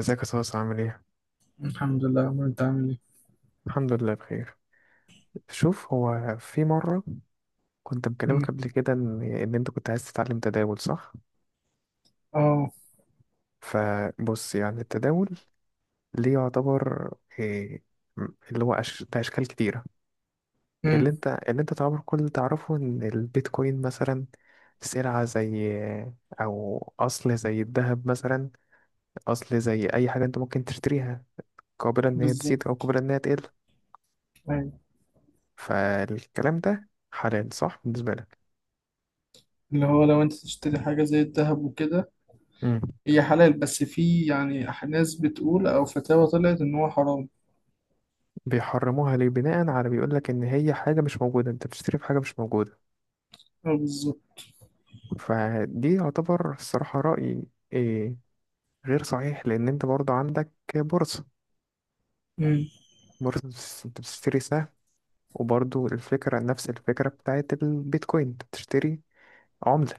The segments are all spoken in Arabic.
ازيك يا صوص؟ عامل ايه؟ الحمد لله يا عمرو، انت عامل ايه؟ الحمد لله بخير. شوف، هو في مرة كنت مكلمك مم. قبل كده ان انت كنت عايز تتعلم تداول، صح؟ اه. فبص، يعني التداول ليه يعتبر إيه، م- اللي هو ده اشكال كتيرة. مم. اللي انت تعتبر كل اللي تعرفه ان البيتكوين مثلا سلعة، زي او اصل زي الذهب مثلا، اصل زي اي حاجة انت ممكن تشتريها، قابلة ان هي بالظبط. تزيد او قابلة ان هي تقل. ايوه، فالكلام ده حلال صح بالنسبة اللي هو لو انت تشتري حاجه زي الذهب وكده لك؟ هي حلال، بس في يعني ناس بتقول او فتاوى طلعت ان هو حرام. بيحرموها ليه؟ بناء على بيقول لك ان هي حاجه مش موجوده، انت بتشتري في حاجه مش موجوده. اه، بالظبط. فدي يعتبر الصراحه رايي إيه، غير صحيح، لان انت برضو عندك بورصه. مم. بورصه انت بتشتري سهم، وبرضو الفكره نفس الفكره بتاعت البيتكوين، انت بتشتري عمله.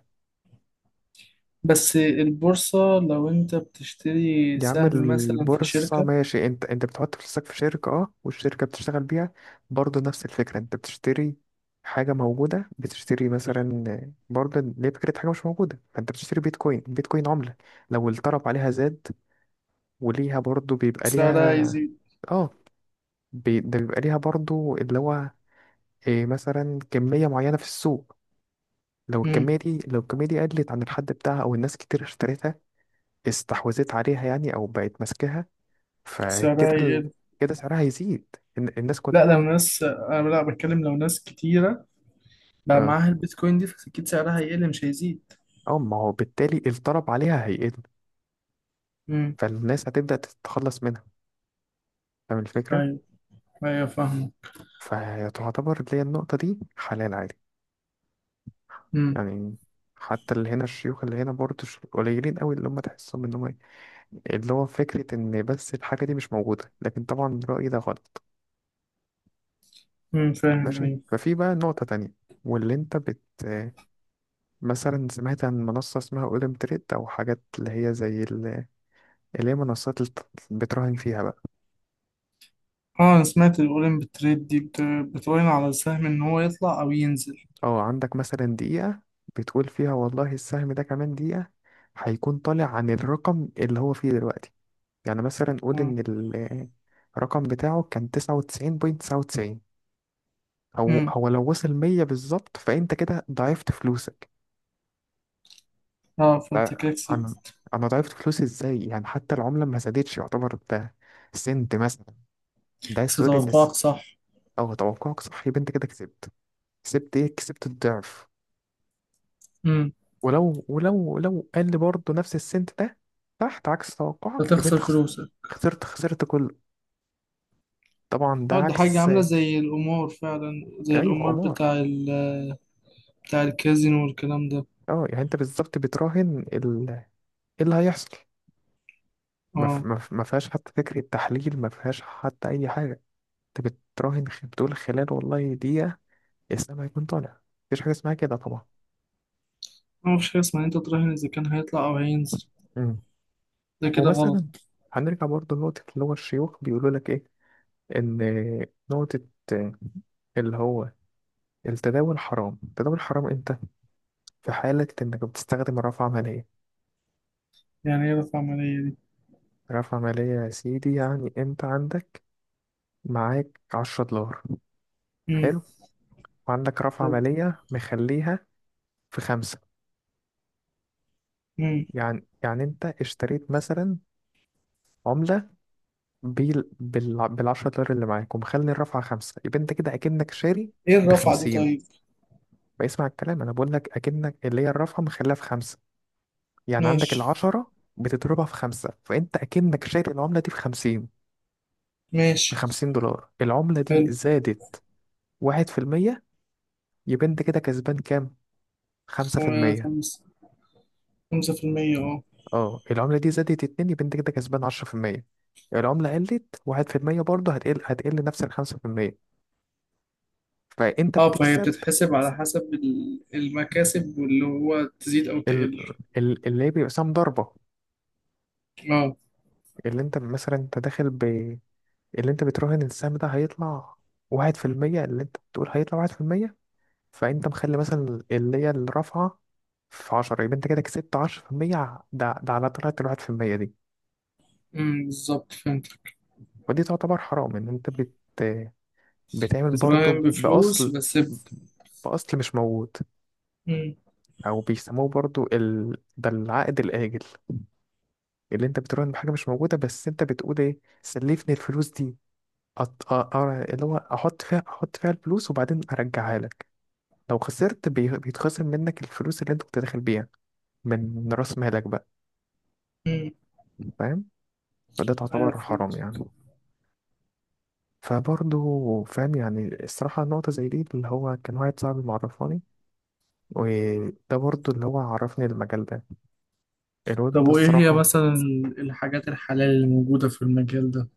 بس البورصه لو انت بتشتري يا عم سهم مثلا في البورصة شركه ماشي، انت بتحط فلوسك في شركة اه، والشركة بتشتغل بيها، برضه نفس الفكرة، انت بتشتري حاجة موجودة، بتشتري مثلا برضه ليه فكرة حاجة مش موجودة. فانت بتشتري بيتكوين، بيتكوين عملة، لو الطلب عليها زاد وليها برضه بيبقى سعرها ليها. يزيد. اه، ده بيبقى ليها برضه اللي هو إيه، مثلا كمية معينة في السوق. لو مم. الكمية دي، لو الكمية دي قلت عن الحد بتاعها أو الناس كتير اشتريتها، استحوذت عليها يعني أو بقت ماسكاها، سعرها فكده ال... يقل. كده سعرها هيزيد. الناس لا، لو كلها ناس انا لا بتكلم لو ناس كتيره بقى اه. معاها البيتكوين دي فاكيد سعرها هيقل، مش هيزيد. اه، ما هو بالتالي الطلب عليها هيقل، مم. فالناس هتبدأ تتخلص منها. فاهم الفكرة؟ ايوه. ايوه، فاهمه. فتعتبر اللي هي النقطة دي حلال عادي مم. يعني. حتى اللي هنا، الشيوخ اللي هنا برضه قليلين قوي اللي هم تحسهم ان هم إيه، اللي هو فكرة ان بس الحاجة دي مش موجودة. لكن طبعا رأيي ده غلط. مم. فاهم، ماشي، ايوه. ففي بقى نقطة تانية. واللي انت بت مثلا سمعت عن منصة اسمها اولم تريد او حاجات اللي هي زي، اللي هي منصات بتراهن فيها بقى. اه، انا سمعت الاولين بتريد دي بتراهن على السهم ان هو يطلع او ينزل. اه، عندك مثلا دقيقة بتقول فيها والله السهم ده كمان دقيقة هيكون طالع عن الرقم اللي هو فيه دلوقتي. يعني مثلا قول مم. إن الرقم بتاعه كان 99 بوينت 99، أو مم. هو لو وصل 100 بالظبط، فأنت كده ضعفت فلوسك. اه، فانت ده كده أنا كسبت. أنا ضعفت فلوسي إزاي يعني، حتى العملة ما زادتش؟ يعتبر ده سنت مثلا. ده عايز كسبت تقول إن توقعك صح. أه، توقعك صح يبقى أنت كده كسبت. كسبت إيه؟ كسبت الضعف. امم. ولو لو قال لي برضه نفس السنت ده تحت عكس توقعك يبقى انت هتخسر فلوسك. خسرت، خسرت كله طبعا، ده اه، دي حاجة عكس. عاملة زي القمار فعلا، زي ايوه، القمار عمار. بتاع الكازينو والكلام ده. اه يعني انت بالظبط بتراهن ايه اللي هيحصل. اه، ما فيهاش حتى فكرة تحليل، ما فيهاش حتى اي حاجة. انت بتراهن، بتقول خلال والله دقيقة الاسلام هيكون طالع. مفيش حاجة اسمها كده طبعا. ما مفيش حاجة اسمها إن انت تراهن اذا كان هيطلع او هينزل، امم، ده كده غلط. ومثلا هنرجع برضه لنقطة اللي هو الشيوخ بيقولوا لك ايه، ان نقطة اللي هو التداول حرام. التداول حرام امتى؟ في حالة انك بتستخدم رافعة مالية. يعني ايه رفع عملية دي؟ رافعة مالية يا سيدي يعني انت عندك، معاك 10 دولار، امم. حلو، وعندك رافعة مالية مخليها في خمسة. امم. يعني انت اشتريت مثلا عملة بال10 دولار اللي معاك ومخلي الرافعة خمسة، يبقى انت كده اكنك شاري ايه الرفعة دي بخمسين. طيب؟ بيسمع الكلام، انا بقول لك اكنك اللي هي الرافعة مخليها في خمسة، يعني عندك ماشي. العشرة بتضربها في خمسة، فانت اكنك شاري العملة دي بخمسين. ماشي. ب50 دولار، العملة حلو. دي زادت 1%، يبقى انت كده كسبان كام؟ خمسة في المية خمسة. 5%، اه. اه، العملة دي زادت اتنين، يبقى انت كده كسبان 10%. العملة قلت 1%، برضه هتقل، هتقل نفس ال5%، فانت اه، فهي بتكسب. بتتحسب على حسب المكاسب واللي هو تزيد او ال... تقل. اللي هي بيبقى سهم ضربة. اه. اللي انت مثلا انت داخل ب اللي انت بتراهن السهم ده هيطلع 1%، اللي انت بتقول هيطلع 1%، فانت مخلي مثلا اللي هي الرافعه في 10، يبقى انت كده كسبت 10%، ده على طلعت ال1% دي. امم، بالظبط فهمت. ودي تعتبر حرام، ان انت بتعمل بتراهن برضو بفلوس، باصل، بس باصل مش موجود. امم. او بيسموه برضو ده العقد الاجل، اللي انت بتراهن بحاجه مش موجوده. بس انت بتقول ايه، سلفني الفلوس دي، اللي هو احط فيها الفلوس وبعدين ارجعها لك. لو خسرت بيتخصم منك الفلوس اللي انت كنت داخل بيها من راس مالك بقى. امم. فاهم؟ فده ايوه، تعتبر حرام فهمت. يعني. فبرضه فاهم، يعني الصراحة نقطة زي دي اللي هو كان واحد صاحبي معرفاني، وده برضه اللي هو عرفني المجال ده، طب الواد ده وايه هي الصراحة. مثلا الحاجات الحلال اللي موجودة في المجال ده؟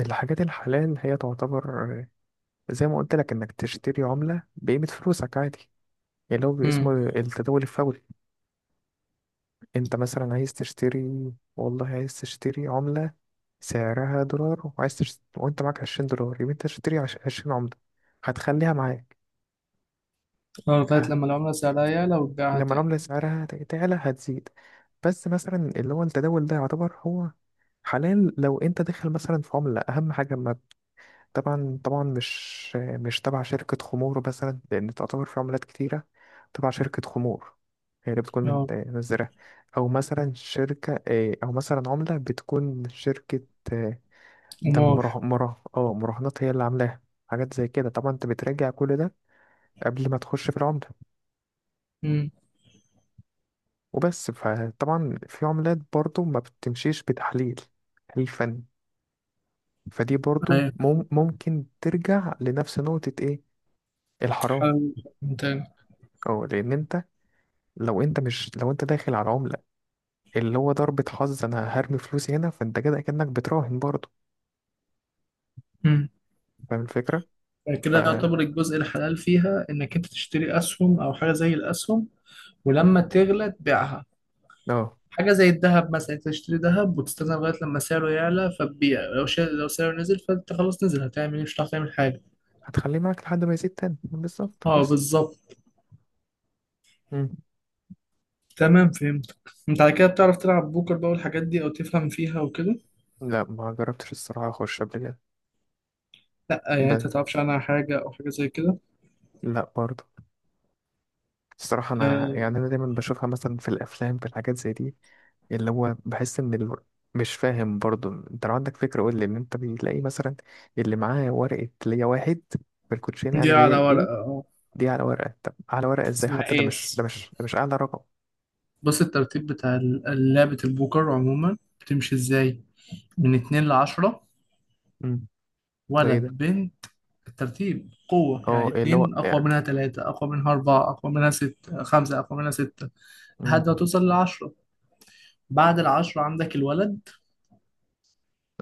الحاجات الحلال هي تعتبر زي ما قلت لك، انك تشتري عملة بقيمة فلوسك عادي، اللي هو امم. اسمه التداول الفوري. انت مثلا عايز تشتري والله عايز تشتري عملة سعرها دولار وعايز وانت معاك 20 دولار يبقى انت تشتري 20 عملة، هتخليها معاك اه، لغاية لما العملة سعرها يعلى وتبيعها لما تاني. العملة سعرها تعلى هتزيد. بس مثلا اللي هو التداول ده يعتبر هو حلال لو انت داخل مثلا في عملة، اهم حاجة ما، طبعا طبعا مش تبع شركة خمور مثلا، لان تعتبر في عملات كتيرة تبع شركة خمور هي اللي بتكون اه. منزلة، او مثلا شركة اه، او مثلا عملة بتكون شركة اه، ده مراه قمار. مراه اه مراهنات هي اللي عاملاها. حاجات زي كده طبعا انت بتراجع كل ده قبل ما تخش في العملة امم. وبس. فطبعا في عملات برضو ما بتمشيش بتحليل، تحليل فني، فدي برضو ايوه. ممكن ترجع لنفس نقطة ايه، الحرام. حلال تاني. او لان انت، لو انت مش، لو انت داخل على عملة اللي هو ضربة حظ، انا هرمي فلوسي هنا، فانت كده كأنك بتراهن برضو. امم. فاهم الفكرة؟ ف كده يعتبر الجزء الحلال فيها انك انت تشتري اسهم او حاجة زي الاسهم ولما تغلى تبيعها، اه، حاجة زي الذهب مثلا. أنت تشتري ذهب وتستنى لغاية لما سعره يعلى فتبيع، لو سعره نزل فأنت خلاص نزل، هتعمل إيه؟ مش هتعرف تعمل حاجة. هتخليه معاك لحد ما يزيد تاني بالظبط أه، بس. بالظبط. مم. تمام، فهمت. أنت على كده بتعرف تلعب بوكر بقى والحاجات دي، أو تفهم فيها وكده؟ لا، ما جربتش الصراحة اخش قبل كده. لأ، يعني أنت بس متعرفش عنها حاجة أو حاجة زي كده؟ لا برضو، الصراحة أنا يعني آه. أنا دايما بشوفها مثلا في الأفلام، في الحاجات زي دي، اللي هو بحس ان مش فاهم برضو. انت لو عندك فكرة قول لي، ان انت بتلاقي مثلا اللي معاه ورقة ليا واحد في الكوتشين، يعني دي اللي هي على ورقة، الايه، أه. دي على ورقة؟ طب على ورقة ازاي؟ اسمها حتى ده مش ده إيس. مش ده مش اعلى رقم. بص، الترتيب بتاع لعبة البوكر عموما بتمشي إزاي؟ من اتنين لعشرة، امم، ده ايه ولد، ده؟ بنت. الترتيب قوة، يعني: اه، إيه اللي هو اتنين أقوى يعني. منها تلاتة، أقوى منها أربعة، أقوى منها خمسة، أقوى منها ستة، لحد ما امم، توصل للعشرة. بعد العشرة عندك الولد.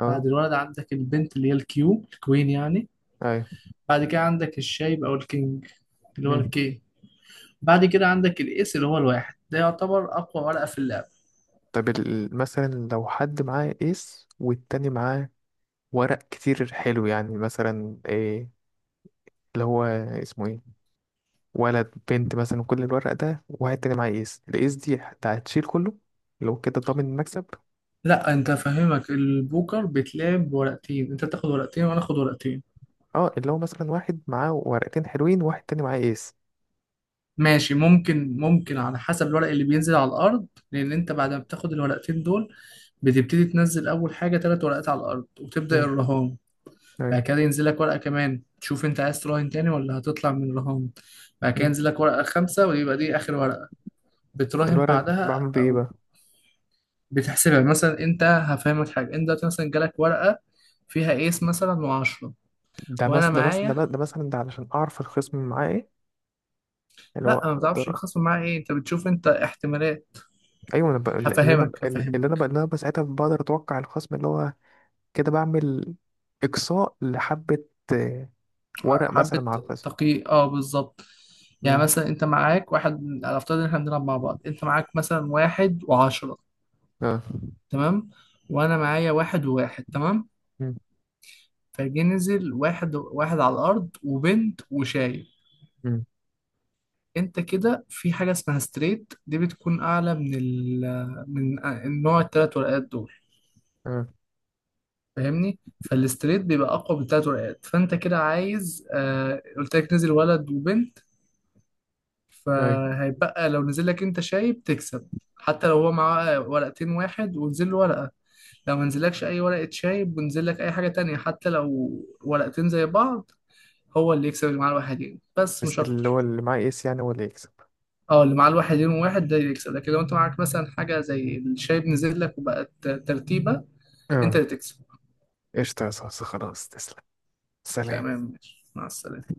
اه، بعد الولد عندك البنت، اللي هي الكيو، الكوين يعني. ايوه، بعد كده عندك الشايب أو الكينج، اللي هو امم. الكي. بعد كده عندك الإيس، اللي هو الواحد، ده يعتبر أقوى ورقة في اللعبة. طب مثلا لو حد معاه ايس والتاني معاه ورق كتير حلو يعني، مثلا ايه اللي هو اسمه ايه، ولد بنت مثلا كل الورق ده، وواحد تاني معاه ايس، الايس دي حتى هتشيل كله. لو كده ضامن المكسب. لا، أنت فاهمك، البوكر بتلعب بورقتين. أنت تاخد ورقتين وأنا آخد ورقتين. اه، اللي هو مثلا واحد معاه ورقتين حلوين وواحد تاني معاه ايس. ماشي، ممكن ممكن على حسب الورق اللي بينزل على الأرض، لأن أنت بعد ما بتاخد الورقتين دول بتبتدي تنزل اول حاجه ثلاث ورقات على الارض وتبدا مم. الرهان. بعد أيوة. كده ينزل لك ورقه كمان، تشوف انت عايز تراهن تاني ولا هتطلع من الرهان. بعد كده مم. ينزل لك ورقه خمسه ويبقى دي اخر ورقه بتراهن الورق ده بعدها، بعمل بيه ايه او بقى؟ بتحسبها. مثلا، انت هفهمك حاجه: انت دلوقتي مثلا جالك ورقه فيها ايس مثلا وعشرة، وانا معايا. ده مثلا ده علشان اعرف الخصم اللي معاه ايه، اللي هو لا، ما بتعرفش اقدر. الخصم معاه ايه، انت بتشوف انت احتمالات. ايوه، انا ب... اللي انا ب... هفهمك اللي انا هفهمك. ب... اللي انا ساعتها بقدر اتوقع الخصم اللي هو كده، بعمل اقصاء لحبة آه، ورق مثلا حبة مع الخصم. تقي، اه بالظبط. يعني مم. مثلا انت معاك واحد، على افترض ان احنا بنلعب مع بعض، انت معاك مثلا واحد وعشرة. اه. تمام. وانا معايا واحد وواحد. تمام. مم. فجي نزل واحد واحد على الارض وبنت وشايب. مم. انت كده في حاجة اسمها ستريت، دي بتكون اعلى من من النوع التلات ورقات دول، اه. فاهمني؟ فالستريت بيبقى اقوى من التلات ورقات. فانت كده عايز، آه قلت لك نزل ولد وبنت، أيوة. فهيبقى لو نزل لك انت شايب تكسب، حتى لو هو معاه ورقتين واحد ونزل له ورقة، لو منزلكش اي ورقة شايب ونزل لك اي حاجة تانية حتى لو ورقتين زي بعض هو اللي يكسب، اللي معاه الواحدين، بس بس مش اللي اكتر. هو اللي معاه ايس يعني هو اللي يكسب. اه، اللي معاه الواحدين وواحد ده اللي يكسب، لكن لو انت معاك مثلا حاجة زي الشايب نزل لك وبقت ترتيبة انت اه، اللي تكسب. قشطة يا صاصة، خلاص تسلم، سلام. تمام، ماشي، مع السلامة.